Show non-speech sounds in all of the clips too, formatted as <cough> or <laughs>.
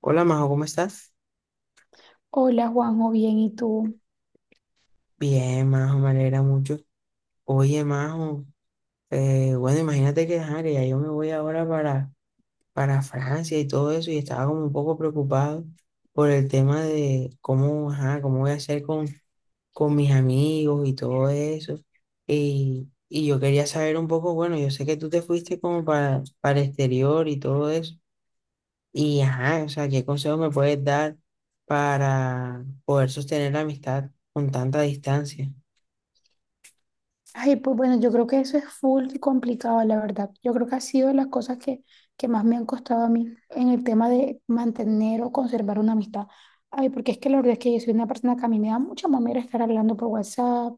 Hola Majo, ¿cómo estás? Hola Juanjo, bien, ¿y tú? Bien, Majo, me alegra mucho. Oye, Majo, bueno, imagínate que, ajá, que ya yo me voy ahora para Francia y todo eso, y estaba como un poco preocupado por el tema de cómo, ajá, cómo voy a hacer con mis amigos y todo eso. Y yo quería saber un poco, bueno, yo sé que tú te fuiste como para el exterior y todo eso, y ajá, o sea, ¿qué consejos me puedes dar para poder sostener la amistad con tanta distancia? Ay, pues bueno, yo creo que eso es full complicado, la verdad. Yo creo que ha sido de las cosas que más me han costado a mí en el tema de mantener o conservar una amistad. Ay, porque es que la verdad es que yo soy una persona que a mí me da mucha mamera estar hablando por WhatsApp,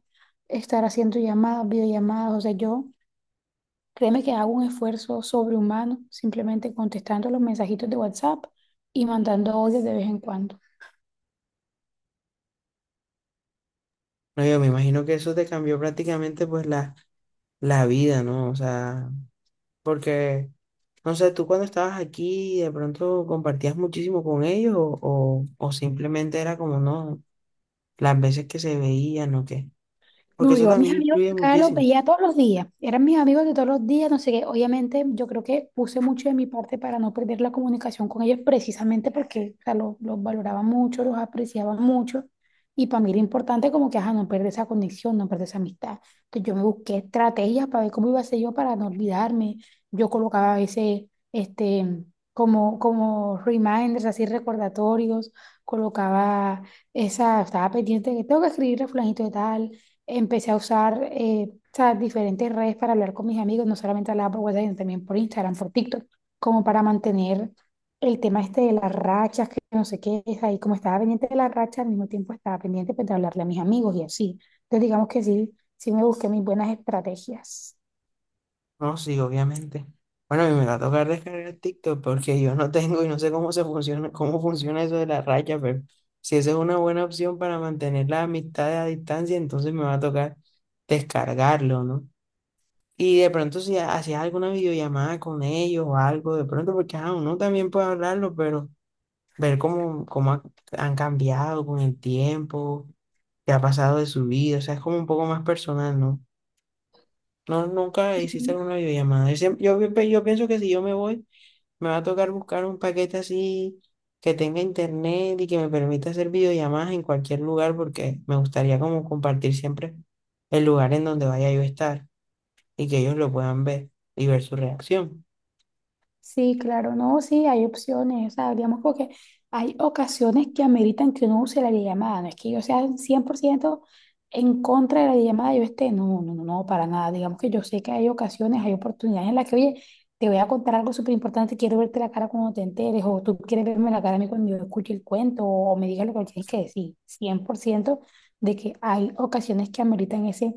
estar haciendo llamadas, videollamadas. O sea, yo créeme que hago un esfuerzo sobrehumano simplemente contestando los mensajitos de WhatsApp y mandando audios de vez en cuando. No, yo me imagino que eso te cambió prácticamente pues la vida, ¿no? O sea, porque, no sé, tú cuando estabas aquí de pronto compartías muchísimo con ellos o simplemente era como, no, las veces que se veían o qué. Porque No, eso yo a mis también amigos de influye acá los muchísimo. veía todos los días, eran mis amigos de todos los días, no sé qué. Obviamente, yo creo que puse mucho de mi parte para no perder la comunicación con ellos, precisamente porque, o sea, los valoraba mucho, los apreciaba mucho. Y para mí era importante como que, ajá, no perder esa conexión, no perder esa amistad. Entonces yo me busqué estrategias para ver cómo iba a ser yo para no olvidarme. Yo colocaba a veces, este, como reminders, así recordatorios, colocaba esa, estaba pendiente de que tengo que escribirle a fulanito de tal. Empecé a usar o diferentes redes para hablar con mis amigos, no solamente hablaba por WhatsApp, sino también por Instagram, por TikTok, como para mantener el tema este de las rachas, que no sé qué es ahí, como estaba pendiente de las rachas. Al mismo tiempo estaba pendiente, pues, de hablarle a mis amigos y así. Entonces digamos que sí, sí me busqué mis buenas estrategias. No, sí, obviamente. Bueno, a mí me va a tocar descargar TikTok porque yo no tengo y no sé cómo se funciona, cómo funciona eso de la raya, pero si esa es una buena opción para mantener la amistad a distancia, entonces me va a tocar descargarlo, ¿no? Y de pronto si hacías alguna videollamada con ellos o algo, de pronto, porque ah, uno también puede hablarlo, pero ver cómo han cambiado con el tiempo, qué ha pasado de su vida, o sea, es como un poco más personal, ¿no? No, nunca hiciste alguna videollamada. Yo pienso que si yo me voy, me va a tocar buscar un paquete así que tenga internet y que me permita hacer videollamadas en cualquier lugar, porque me gustaría como compartir siempre el lugar en donde vaya yo a estar y que ellos lo puedan ver y ver su reacción. Sí, claro, no, sí, hay opciones. O sea, digamos como que hay ocasiones que ameritan que uno use la llamada, no es que yo sea 100% en contra de la llamada, yo esté, no, no, no, no, para nada. Digamos que yo sé que hay ocasiones, hay oportunidades en las que, oye, te voy a contar algo súper importante, quiero verte la cara cuando te enteres, o tú quieres verme la cara a mí cuando yo escuche el cuento, o me digas lo que me tienes que decir, 100% de que hay ocasiones que ameritan ese,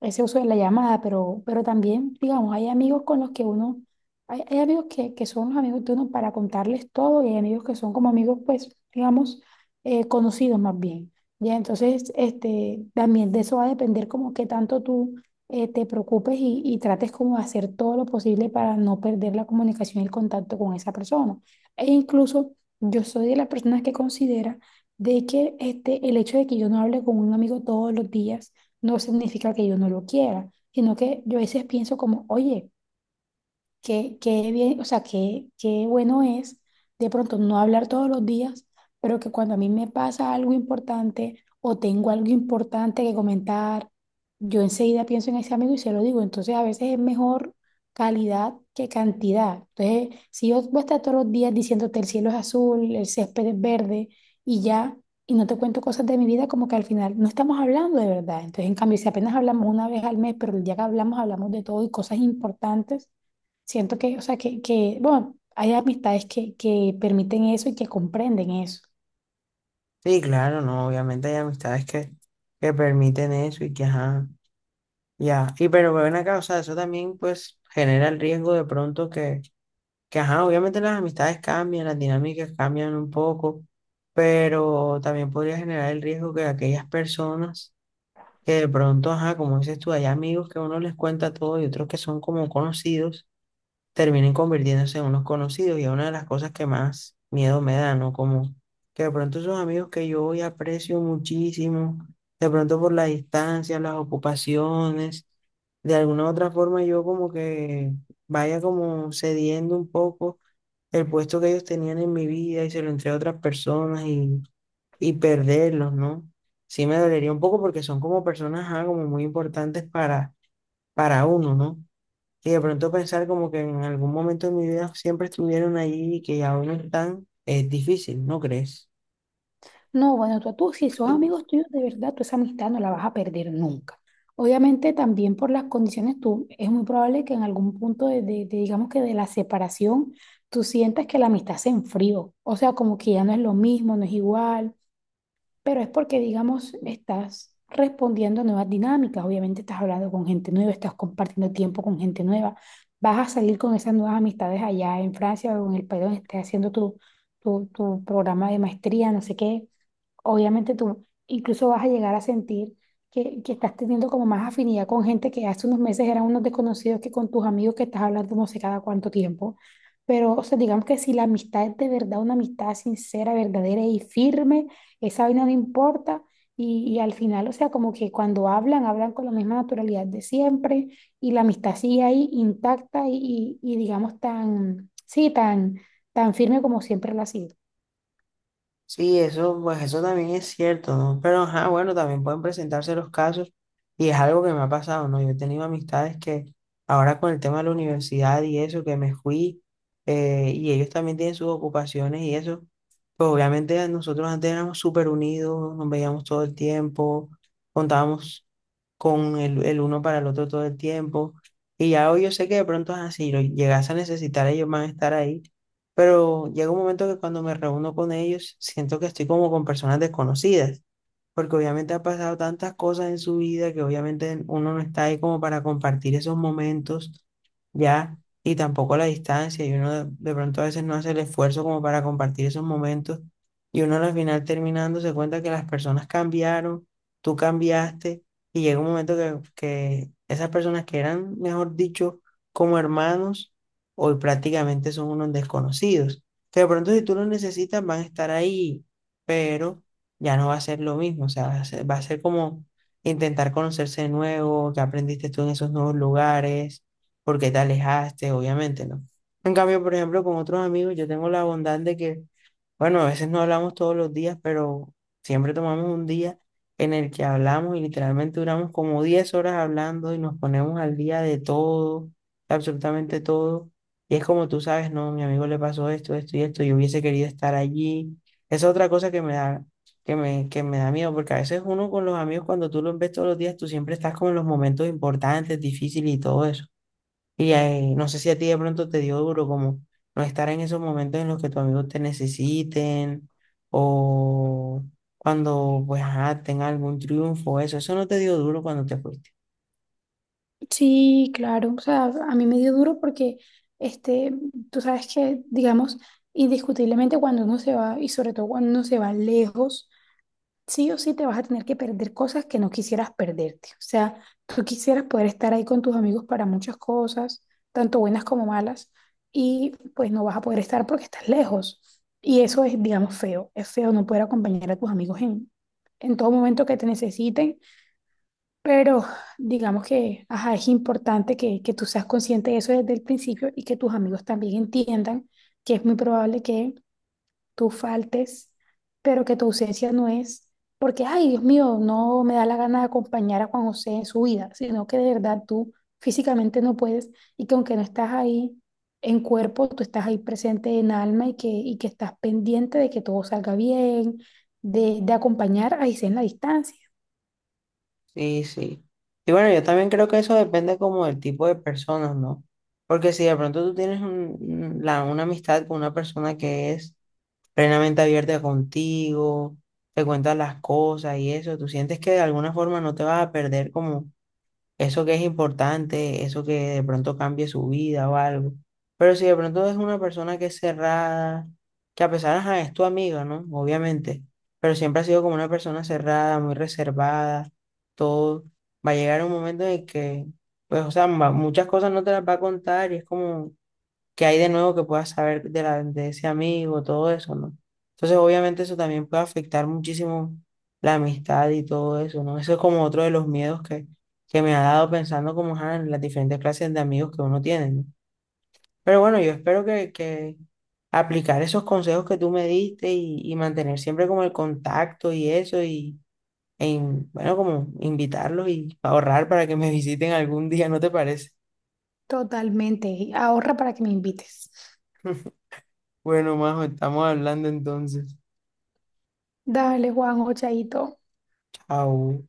ese uso de la llamada. Pero también, digamos, hay amigos con los que uno hay amigos que son los amigos de uno para contarles todo, y hay amigos que son como amigos, pues, digamos, conocidos más bien. Ya, entonces, también de eso va a depender como que tanto tú te preocupes y trates como de hacer todo lo posible para no perder la comunicación y el contacto con esa persona. E incluso yo soy de las personas que considera de que, el hecho de que yo no hable con un amigo todos los días no significa que yo no lo quiera, sino que yo a veces pienso como, oye, qué bien, o sea, qué bueno es de pronto no hablar todos los días, pero que cuando a mí me pasa algo importante o tengo algo importante que comentar, yo enseguida pienso en ese amigo y se lo digo. Entonces, a veces es mejor calidad que cantidad. Entonces, si yo voy a estar todos los días diciéndote el cielo es azul, el césped es verde y ya, y no te cuento cosas de mi vida, como que al final no estamos hablando de verdad. Entonces, en cambio, si apenas hablamos una vez al mes, pero el día que hablamos, hablamos de todo y cosas importantes. Siento que, o sea, que, bueno, hay amistades que permiten eso y que comprenden eso. Sí, claro, no, obviamente hay amistades que permiten eso y que, ajá, ya. Y pero ven acá, o sea, eso también pues genera el riesgo de pronto que, ajá, obviamente las amistades cambian, las dinámicas cambian un poco, pero también podría generar el riesgo que aquellas personas que de pronto, ajá, como dices tú, hay amigos que uno les cuenta todo y otros que son como conocidos terminen convirtiéndose en unos conocidos y es una de las cosas que más miedo me da, ¿no? Como que de pronto esos amigos que yo hoy aprecio muchísimo, de pronto por la distancia, las ocupaciones, de alguna u otra forma yo como que vaya como cediendo un poco el puesto que ellos tenían en mi vida y se lo entregué a otras personas y perderlos, ¿no? Sí me dolería un poco porque son como personas, como muy importantes para uno, ¿no? Y de pronto pensar como que en algún momento de mi vida siempre estuvieron ahí y que aún no están, es difícil, ¿no crees? No, bueno, tú, si son amigos tuyos de verdad, tú esa amistad no la vas a perder nunca. Obviamente también por las condiciones, tú, es muy probable que en algún punto de, digamos que de la separación, tú sientas que la amistad se enfrió. O sea, como que ya no es lo mismo, no es igual. Pero es porque, digamos, estás respondiendo a nuevas dinámicas. Obviamente estás hablando con gente nueva, estás compartiendo tiempo con gente nueva. Vas a salir con esas nuevas amistades allá en Francia o en el país donde estés haciendo tu programa de maestría, no sé qué. Obviamente tú incluso vas a llegar a sentir que estás teniendo como más afinidad con gente que hace unos meses eran unos desconocidos que con tus amigos que estás hablando no sé cada cuánto tiempo. Pero, o sea, digamos que si la amistad es de verdad una amistad sincera, verdadera y firme, esa vaina no importa. Y al final, o sea, como que cuando hablan, hablan con la misma naturalidad de siempre y la amistad sigue ahí intacta y digamos tan, sí, tan firme como siempre lo ha sido. Sí, eso, pues eso también es cierto, ¿no? Pero, ajá, bueno, también pueden presentarse los casos y es algo que me ha pasado, ¿no? Yo he tenido amistades que ahora con el tema de la universidad y eso, que me fui y ellos también tienen sus ocupaciones y eso, pues obviamente nosotros antes éramos súper unidos, nos veíamos todo el tiempo, contábamos con el uno para el otro todo el tiempo. Y ya hoy yo sé que de pronto es así, lo llegas a necesitar, ellos van a estar ahí. Pero llega un momento que cuando me reúno con ellos, siento que estoy como con personas desconocidas porque obviamente ha pasado tantas cosas en su vida que obviamente uno no está ahí como para compartir esos momentos ya, y tampoco la distancia, y uno de pronto a veces no hace el esfuerzo como para compartir esos momentos, y uno al final terminando se cuenta que las personas cambiaron, tú cambiaste, y llega un momento que esas personas que eran, mejor dicho, como hermanos, hoy prácticamente son unos desconocidos, que de pronto si tú los necesitas van a estar ahí, pero ya no va a ser lo mismo, o sea, va a ser como intentar conocerse de nuevo, qué aprendiste tú en esos nuevos lugares, por qué te alejaste, obviamente, ¿no? En cambio, por ejemplo, con otros amigos, yo tengo la bondad de que, bueno, a veces no hablamos todos los días, pero siempre tomamos un día en el que hablamos y literalmente duramos como 10 horas hablando y nos ponemos al día de todo, absolutamente todo. Y es como tú sabes, no, mi amigo le pasó esto, esto y esto, yo hubiese querido estar allí. Esa es otra cosa que me da miedo, porque a veces uno con los amigos, cuando tú los ves todos los días, tú siempre estás como en los momentos importantes, difíciles y todo eso. Y no sé si a ti de pronto te dio duro como no estar en esos momentos en los que tus amigos te necesiten o cuando pues ajá, tenga algún triunfo, eso no te dio duro cuando te fuiste. Sí, claro. O sea, a mí me dio duro porque, este, tú sabes que, digamos, indiscutiblemente cuando uno se va, y sobre todo cuando uno se va lejos, sí o sí te vas a tener que perder cosas que no quisieras perderte. O sea, tú quisieras poder estar ahí con tus amigos para muchas cosas, tanto buenas como malas, y pues no vas a poder estar porque estás lejos. Y eso es, digamos, feo. Es feo no poder acompañar a tus amigos en todo momento que te necesiten, pero digamos que, ajá, es importante que tú seas consciente de eso desde el principio y que tus amigos también entiendan que es muy probable que tú faltes, pero que tu ausencia no es porque, ay, Dios mío, no me da la gana de acompañar a Juan José en su vida, sino que de verdad tú físicamente no puedes, y que aunque no estás ahí en cuerpo, tú estás ahí presente en alma y que estás pendiente de que todo salga bien, de acompañar a José en la distancia. Sí, sí. Y bueno, yo también creo que eso depende como del tipo de personas, ¿no? Porque si de pronto tú tienes una amistad con una persona que es plenamente abierta contigo, te cuentas las cosas y eso, tú sientes que de alguna forma no te vas a perder como eso que es importante, eso que de pronto cambie su vida o algo. Pero si de pronto es una persona que es cerrada, que a pesar, ajá, es tu amiga, ¿no? Obviamente, pero siempre ha sido como una persona cerrada, muy reservada, todo, va a llegar un momento en el que, pues, o sea, muchas cosas no te las va a contar y es como qué hay de nuevo que puedas saber de ese amigo, todo eso, ¿no? Entonces, obviamente eso también puede afectar muchísimo la amistad y todo eso, ¿no? Eso es como otro de los miedos que me ha dado pensando como ajá, en las diferentes clases de amigos que uno tiene, ¿no? Pero bueno, yo espero que aplicar esos consejos que tú me diste y mantener siempre como el contacto y eso y, bueno, como invitarlos y ahorrar para que me <laughs> visiten algún día, ¿no te parece? Totalmente. Y ahorra para que me invites. Bueno, Majo, estamos hablando entonces. Dale, Juan, chaito. Chao.